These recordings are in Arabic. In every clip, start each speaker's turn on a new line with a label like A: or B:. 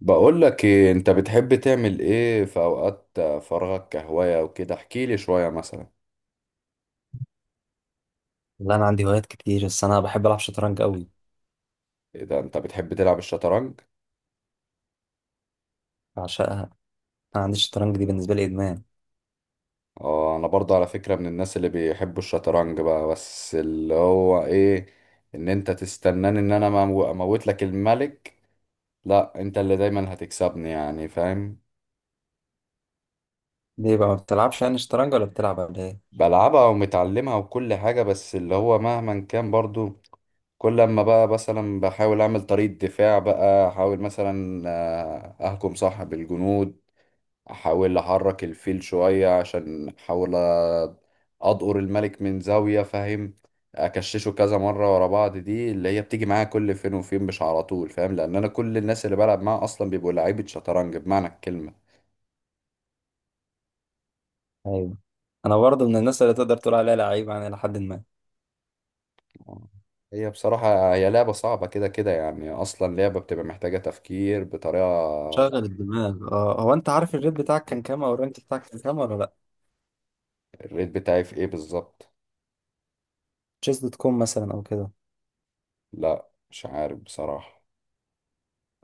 A: بقول لك إيه، انت بتحب تعمل ايه في اوقات فراغك كهواية وكده؟ احكي لي شوية مثلا.
B: لا، انا عندي هوايات كتير بس انا بحب العب شطرنج قوي.
A: ايه ده، انت بتحب تلعب الشطرنج؟
B: بعشقها. انا عندي الشطرنج دي بالنسبه لي ادمان.
A: اه انا برضه على فكرة من الناس اللي بيحبوا الشطرنج بقى، بس اللي هو ايه، ان انت تستناني ان انا اموت لك الملك. لا، انت اللي دايما هتكسبني، يعني فاهم.
B: ليه بقى ما بتلعبش يعني شطرنج ولا بتلعب ولا ايه؟
A: بلعبها ومتعلمها وكل حاجة، بس اللي هو مهما كان برضه كل لما بقى مثلا بحاول اعمل طريقة دفاع، بقى احاول مثلا اهجم صح بالجنود. احاول احرك الفيل شوية عشان احاول اضقر الملك من زاوية، فاهم. اكششه كذا مرة ورا بعض، دي اللي هي بتيجي معايا كل فين وفين مش على طول، فاهم، لان انا كل الناس اللي بلعب معاها اصلا بيبقوا لعيبة شطرنج بمعنى الكلمة.
B: ايوه، انا برضه من الناس اللي تقدر تقول عليها لعيب يعني الى حد ما.
A: هي بصراحة هي لعبة صعبة كده كده، يعني اصلا لعبة بتبقى محتاجة تفكير بطريقة.
B: شغل الدماغ. اه، هو انت عارف الريت بتاعك كان كام او الرانك بتاعك كان كام ولا لا؟
A: الريت بتاعي في ايه بالظبط؟
B: chess.com مثلا او كده؟
A: لا مش عارف بصراحة.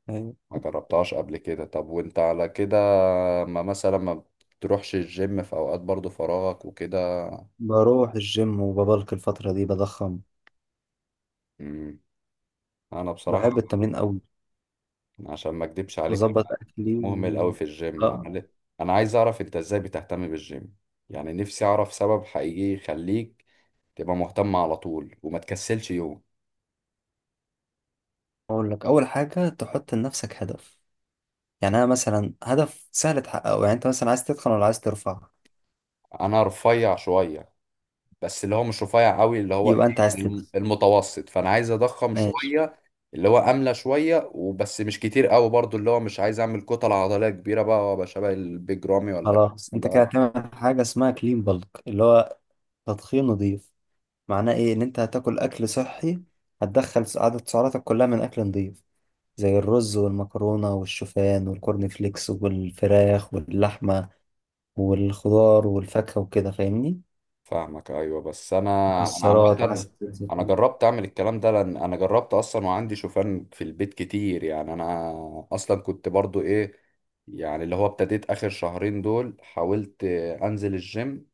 B: ايوه.
A: ما جربتهاش قبل كده. طب وانت على كده، ما مثلا ما بتروحش الجيم في اوقات برضو فراغك وكده؟
B: بروح الجيم وببلك الفتره دي بضخم.
A: مم. انا بصراحة،
B: بحب التمرين قوي.
A: عشان ما اكدبش عليك،
B: مظبط
A: أنا
B: اكلي
A: مهمل قوي في الجيم.
B: اه،
A: انا عايز اعرف انت ازاي بتهتم بالجيم، يعني نفسي اعرف سبب حقيقي يخليك تبقى مهتم على طول وما تكسلش يوم.
B: اقول لك اول حاجه تحط لنفسك هدف. يعني انا مثلا هدف سهل تحققه. يعني انت مثلا عايز تدخن ولا عايز ترفع؟
A: انا رفيع شوية، بس اللي هو مش رفيع قوي، اللي هو ايه،
B: يبقى انت عايز
A: يعني
B: تدخن.
A: المتوسط، فانا عايز اضخم
B: ماشي.
A: شويه. اللي هو املى شويه وبس، مش كتير قوي برضو، اللي هو مش عايز اعمل كتل عضليه كبيره بقى وابقى شبه البيج رامي ولا الكلام
B: خلاص انت كده
A: ده.
B: هتعمل حاجه اسمها كلين بالك اللي هو تدخين نظيف. معناه ايه؟ ان انت هتاكل اكل صحي، هتدخل عدد سعراتك كلها من اكل نظيف، زي الرز والمكرونه والشوفان والكورن فليكس والفراخ واللحمه والخضار والفاكهه وكده. فاهمني؟
A: فاهمك ايوه، بس انا، انا
B: مكسرات،
A: عامه،
B: عسل،
A: انا
B: زيتون.
A: جربت اعمل الكلام ده، لان انا جربت اصلا وعندي شوفان في البيت كتير، يعني انا اصلا كنت برضو ايه، يعني اللي هو ابتديت اخر شهرين دول حاولت انزل الجيم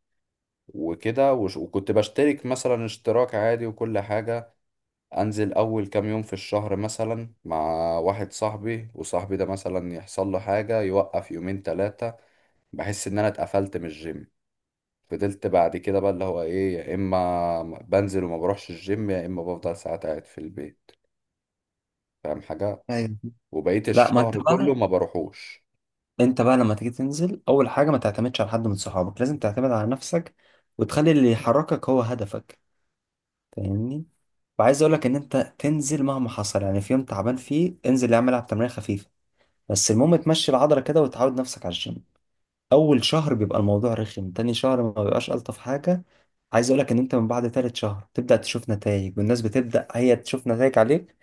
A: وكده، وكنت بشترك مثلا اشتراك عادي وكل حاجة، انزل اول كام يوم في الشهر مثلا مع واحد صاحبي، وصاحبي ده مثلا يحصل له حاجة يوقف يومين تلاتة، بحس ان انا اتقفلت من الجيم. فضلت بعد كده بقى اللي هو ايه، يا اما بنزل وما بروحش الجيم، يا اما بفضل ساعات قاعد في البيت، فاهم حاجة.
B: ايوه.
A: وبقيت
B: لا، ما انت
A: الشهر كله
B: بقى
A: ما بروحوش.
B: انت بقى لما تيجي تنزل اول حاجه ما تعتمدش على حد من صحابك، لازم تعتمد على نفسك وتخلي اللي يحركك هو هدفك. فاهمني؟ وعايز اقول لك ان انت تنزل مهما حصل، يعني في يوم تعبان فيه انزل اعمل العب تمرين خفيفه، بس المهم تمشي العضله كده وتعود نفسك على الجيم. اول شهر بيبقى الموضوع رخم، تاني شهر ما بيبقاش، الطف حاجه. عايز اقول لك ان انت من بعد تالت شهر تبدا تشوف نتائج، والناس بتبدا هي تشوف نتائج عليك.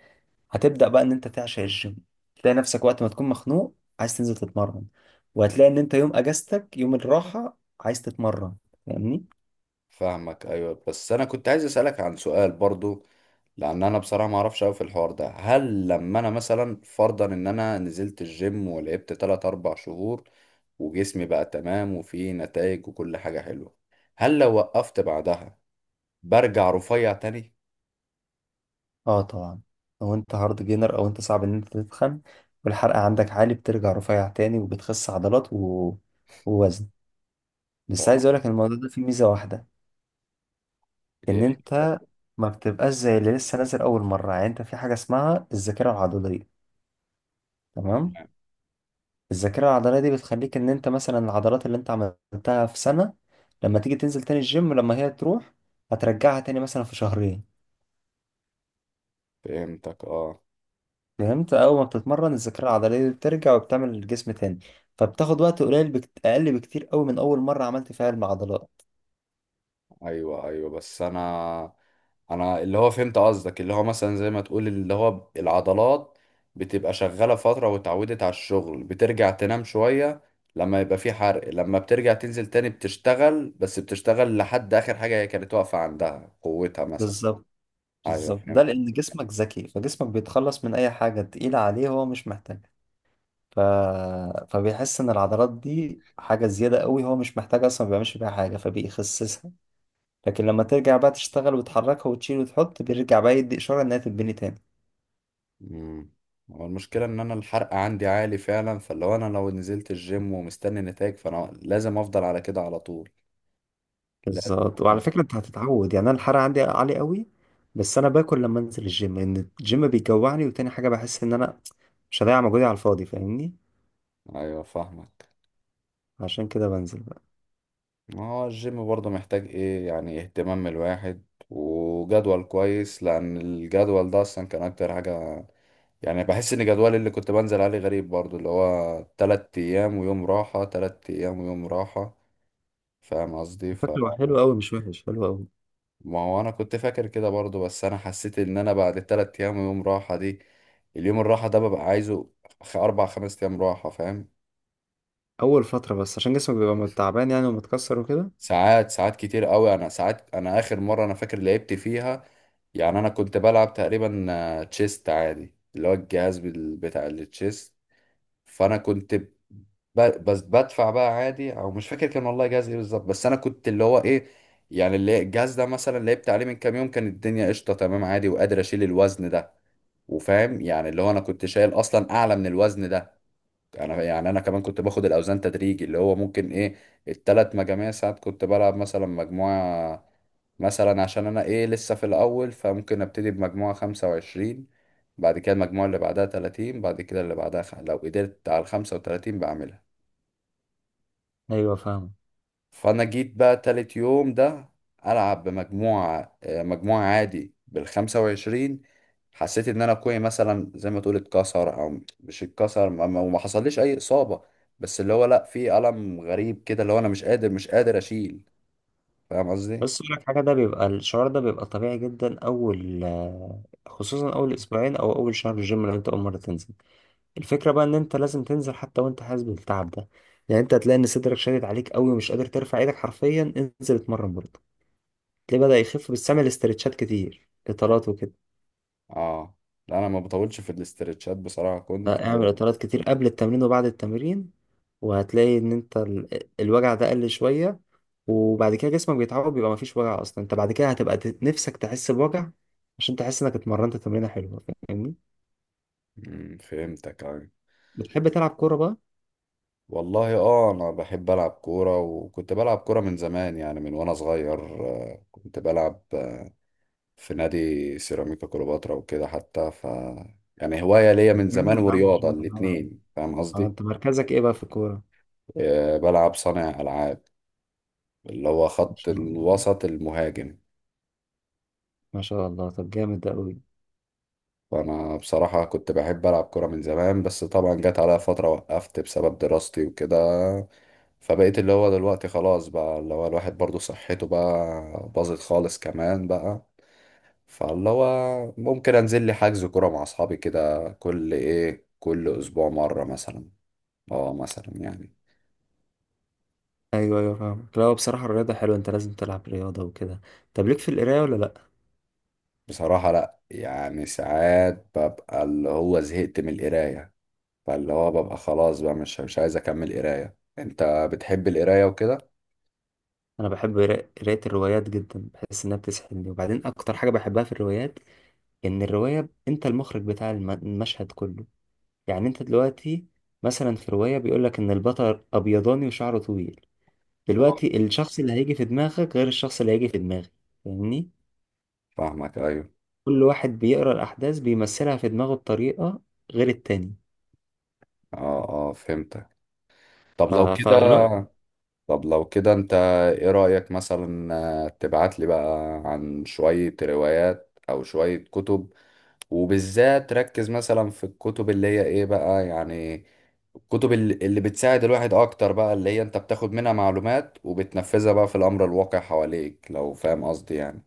B: هتبدأ بقى ان انت تعشق الجيم، تلاقي نفسك وقت ما تكون مخنوق عايز تنزل تتمرن، وهتلاقي ان انت يوم اجازتك يوم الراحة عايز تتمرن. فاهمني؟
A: فاهمك ايوه، بس انا كنت عايز اسألك عن سؤال برضو، لان انا بصراحه ما اعرفش قوي في الحوار ده. هل لما انا مثلا فرضا ان انا نزلت الجيم ولعبت 3 4 شهور وجسمي بقى تمام وفيه نتائج وكل حاجه حلوه، هل لو وقفت بعدها برجع رفيع تاني؟
B: اه، طبعا. لو انت هارد جينر او انت صعب ان انت تتخن والحرق عندك عالي، بترجع رفيع تاني وبتخس عضلات ووزن. بس
A: هو انا
B: عايز اقولك إن الموضوع ده فيه ميزة واحدة،
A: إيه؟
B: ان انت ما بتبقاش زي اللي لسه نازل اول مرة. يعني انت في حاجة اسمها الذاكرة العضلية، تمام؟
A: تمام.
B: الذاكرة العضلية دي بتخليك ان انت مثلا العضلات اللي انت عملتها في سنة، لما تيجي تنزل تاني الجيم لما هي تروح، هترجعها تاني مثلا في شهرين.
A: فهمتك، اه.
B: فهمت؟ اول ما بتتمرن الذاكرة العضلية دي بترجع وبتعمل الجسم تاني، فبتاخد وقت قليل اقل بكتير قوي من اول مرة عملت فيها العضلات.
A: ايوه ايوه، بس انا اللي هو فهمت قصدك، اللي هو مثلا زي ما تقول اللي هو العضلات بتبقى شغالة فترة واتعودت على الشغل، بترجع تنام شوية لما يبقى في حرق. لما بترجع تنزل تاني بتشتغل، بس بتشتغل لحد آخر حاجة هي كانت واقفة عندها قوتها مثلا.
B: بالظبط.
A: ايوه
B: بالظبط، ده
A: فهمت.
B: لان جسمك ذكي، فجسمك بيتخلص من اي حاجة تقيلة عليه هو مش محتاجها. ف... فبيحس ان العضلات دي حاجة زيادة قوي، هو مش محتاج اصلا، ما بيعملش بيها حاجة فبيخسسها. لكن لما ترجع بقى تشتغل وتحركها وتشيل وتحط، بيرجع بقى يدي إشارة إنها تتبني تاني.
A: امم هو المشكلة ان انا الحرق عندي عالي فعلا، فاللي هو انا لو نزلت الجيم ومستني نتائج فانا لازم افضل على كده على طول. لازم
B: بالظبط.
A: افضل.
B: وعلى فكرة انت هتتعود، يعني انا الحرق عندي عالي قوي، بس انا باكل لما انزل الجيم لان الجيم بيجوعني، وتاني حاجة بحس ان انا مش هضيع مجهودي على الفاضي. فاهمني؟
A: ايوه فاهمك.
B: عشان كده بنزل بقى.
A: ما هو الجيم برضه محتاج ايه، يعني اهتمام من الواحد وجدول كويس، لان الجدول ده اصلا كان اكتر حاجة. يعني بحس ان جدولي اللي كنت بنزل عليه غريب برضه، اللي هو 3 ايام ويوم راحة، 3 ايام ويوم راحة، فاهم قصدي.
B: فاكره حلو قوي، مش وحش، حلو قوي.
A: ما هو انا كنت فاكر كده برضه، بس انا حسيت ان انا بعد التلات ايام ويوم راحة دي، اليوم الراحة ده ببقى عايزه 4 5 ايام راحة، فاهم.
B: اول فترة بس عشان جسمك بيبقى تعبان يعني ومتكسر وكده.
A: ساعات ساعات كتير قوي، انا ساعات، انا اخر مره انا فاكر لعبت فيها، يعني انا كنت بلعب تقريبا تشيست عادي، اللي هو الجهاز بتاع التشيست. فانا كنت، بس بدفع بقى عادي، او مش فاكر كان والله جهاز ايه بالظبط، بس انا كنت اللي هو ايه، يعني اللي الجهاز ده مثلا لعبت عليه من كام يوم كان الدنيا قشطه تمام عادي، وقادر اشيل الوزن ده، وفاهم يعني اللي هو انا كنت شايل اصلا اعلى من الوزن ده. انا يعني انا كمان كنت باخد الاوزان تدريجي، اللي هو ممكن ايه، التلات مجاميع. ساعات كنت بلعب مثلا مجموعة، مثلا عشان انا ايه لسه في الاول، فممكن ابتدي بمجموعة 25، بعد كده المجموعة اللي بعدها 30، بعد كده اللي بعدها لو قدرت على الخمسة وتلاتين بعملها.
B: ايوه، فاهم.
A: فانا جيت بقى تالت يوم ده، العب بمجموعة مجموعة عادي بالخمسة وعشرين. حسيت ان انا كوعي مثلا زي ما تقول اتكسر او مش اتكسر، وما حصليش اي اصابة، بس اللي هو لا، في ألم غريب كده، اللي هو انا مش قادر اشيل، فاهم قصدي.
B: بس اقول لك حاجة، ده بيبقى الشعور ده بيبقى طبيعي جدا اول، خصوصا اول اسبوعين او اول شهر الجيم لو انت اول مرة تنزل. الفكرة بقى ان انت لازم تنزل حتى وانت حاسس بالتعب ده. يعني انت هتلاقي ان صدرك شادد عليك قوي ومش قادر ترفع ايدك حرفيا، انزل اتمرن برضه، تلاقيه بدأ يخف. بس اعمل استرتشات كتير، اطالات وكده.
A: اه. لا انا ما بطولش في الاسترتشات بصراحة، كنت.
B: اعمل اطالات كتير قبل التمرين وبعد التمرين، وهتلاقي ان انت الوجع ده قل شوية. وبعد كده جسمك بيتعود، بيبقى مفيش وجع اصلا. انت بعد كده هتبقى نفسك تحس بوجع عشان تحس انك اتمرنت تمرينة حلوة. فاهمني؟
A: فهمتك يعني.
B: بتحب تلعب كورة بقى؟
A: والله اه، انا بحب العب كورة، وكنت بلعب كورة من زمان، يعني من وانا صغير كنت بلعب في نادي سيراميكا كليوباترا وكده حتى، يعني هواية ليا
B: طب
A: من زمان
B: جامد يا عم، ما شاء
A: ورياضة،
B: الله.
A: الاتنين، فاهم
B: اه،
A: قصدي؟
B: انت مركزك ايه بقى في الكورة؟
A: بلعب صانع ألعاب، اللي هو
B: ما
A: خط
B: شاء الله.
A: الوسط المهاجم.
B: ما شاء الله، طب جامد ده قوي.
A: فأنا بصراحة كنت بحب ألعب كرة من زمان، بس طبعا جت عليا فترة وقفت بسبب دراستي وكده. فبقيت اللي هو دلوقتي خلاص بقى، اللي هو الواحد برضو صحته بقى باظت خالص كمان بقى، فاللي هو ممكن انزل لي حجز كرة مع اصحابي كده كل ايه، كل اسبوع مرة مثلا. اه مثلا يعني.
B: ايوه ايوه، فاهم. لا، هو بصراحه الرياضه حلوه، انت لازم تلعب رياضه وكده. طب ليك في القرايه ولا لا؟
A: بصراحة لا، يعني ساعات ببقى اللي هو زهقت من القراية، فاللي هو ببقى خلاص بقى مش عايز اكمل قراية. انت بتحب القراية وكده؟
B: انا بحب قرايه الروايات جدا، بحس انها بتسحلني. وبعدين اكتر حاجه بحبها في الروايات ان الروايه انت المخرج بتاع المشهد كله. يعني انت دلوقتي مثلا في روايه بيقول لك ان البطل ابيضاني وشعره طويل،
A: اه
B: دلوقتي الشخص اللي هيجي في دماغك غير الشخص اللي هيجي في دماغي. فاهمني؟
A: فاهمك ايوه.
B: كل واحد بيقرا الاحداث بيمثلها في دماغه بطريقه غير التاني.
A: اه اه فهمتك. طب
B: ف...
A: لو كده
B: فالو-
A: طب لو كده انت، ايه رأيك مثلا، تبعت لي بقى عن شوية روايات او شوية كتب، وبالذات ركز مثلا في الكتب اللي هي ايه بقى، يعني كتب اللي بتساعد الواحد اكتر بقى، اللي هي انت بتاخد منها معلومات وبتنفذها بقى في الامر الواقع حواليك، لو فاهم قصدي يعني.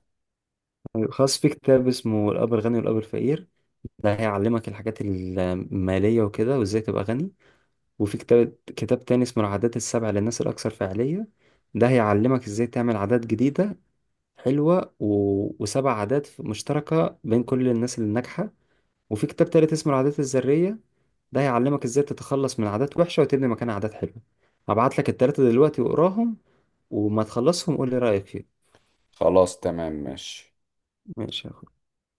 B: خاص في كتاب اسمه الأب الغني والأب الفقير، ده هيعلمك الحاجات المالية وكده وازاي تبقى غني. وفي كتاب تاني اسمه العادات السبع للناس الأكثر فعالية، ده هيعلمك ازاي تعمل عادات جديدة حلوة وسبع عادات مشتركة بين كل الناس اللي ناجحة. وفي كتاب تالت اسمه العادات الذرية، ده هيعلمك ازاي تتخلص من عادات وحشة وتبني مكانها عادات حلوة. هبعت لك التلاتة دلوقتي واقراهم، وما تخلصهم قول لي رأيك فيهم.
A: خلاص، تمام ماشي.
B: ماشي.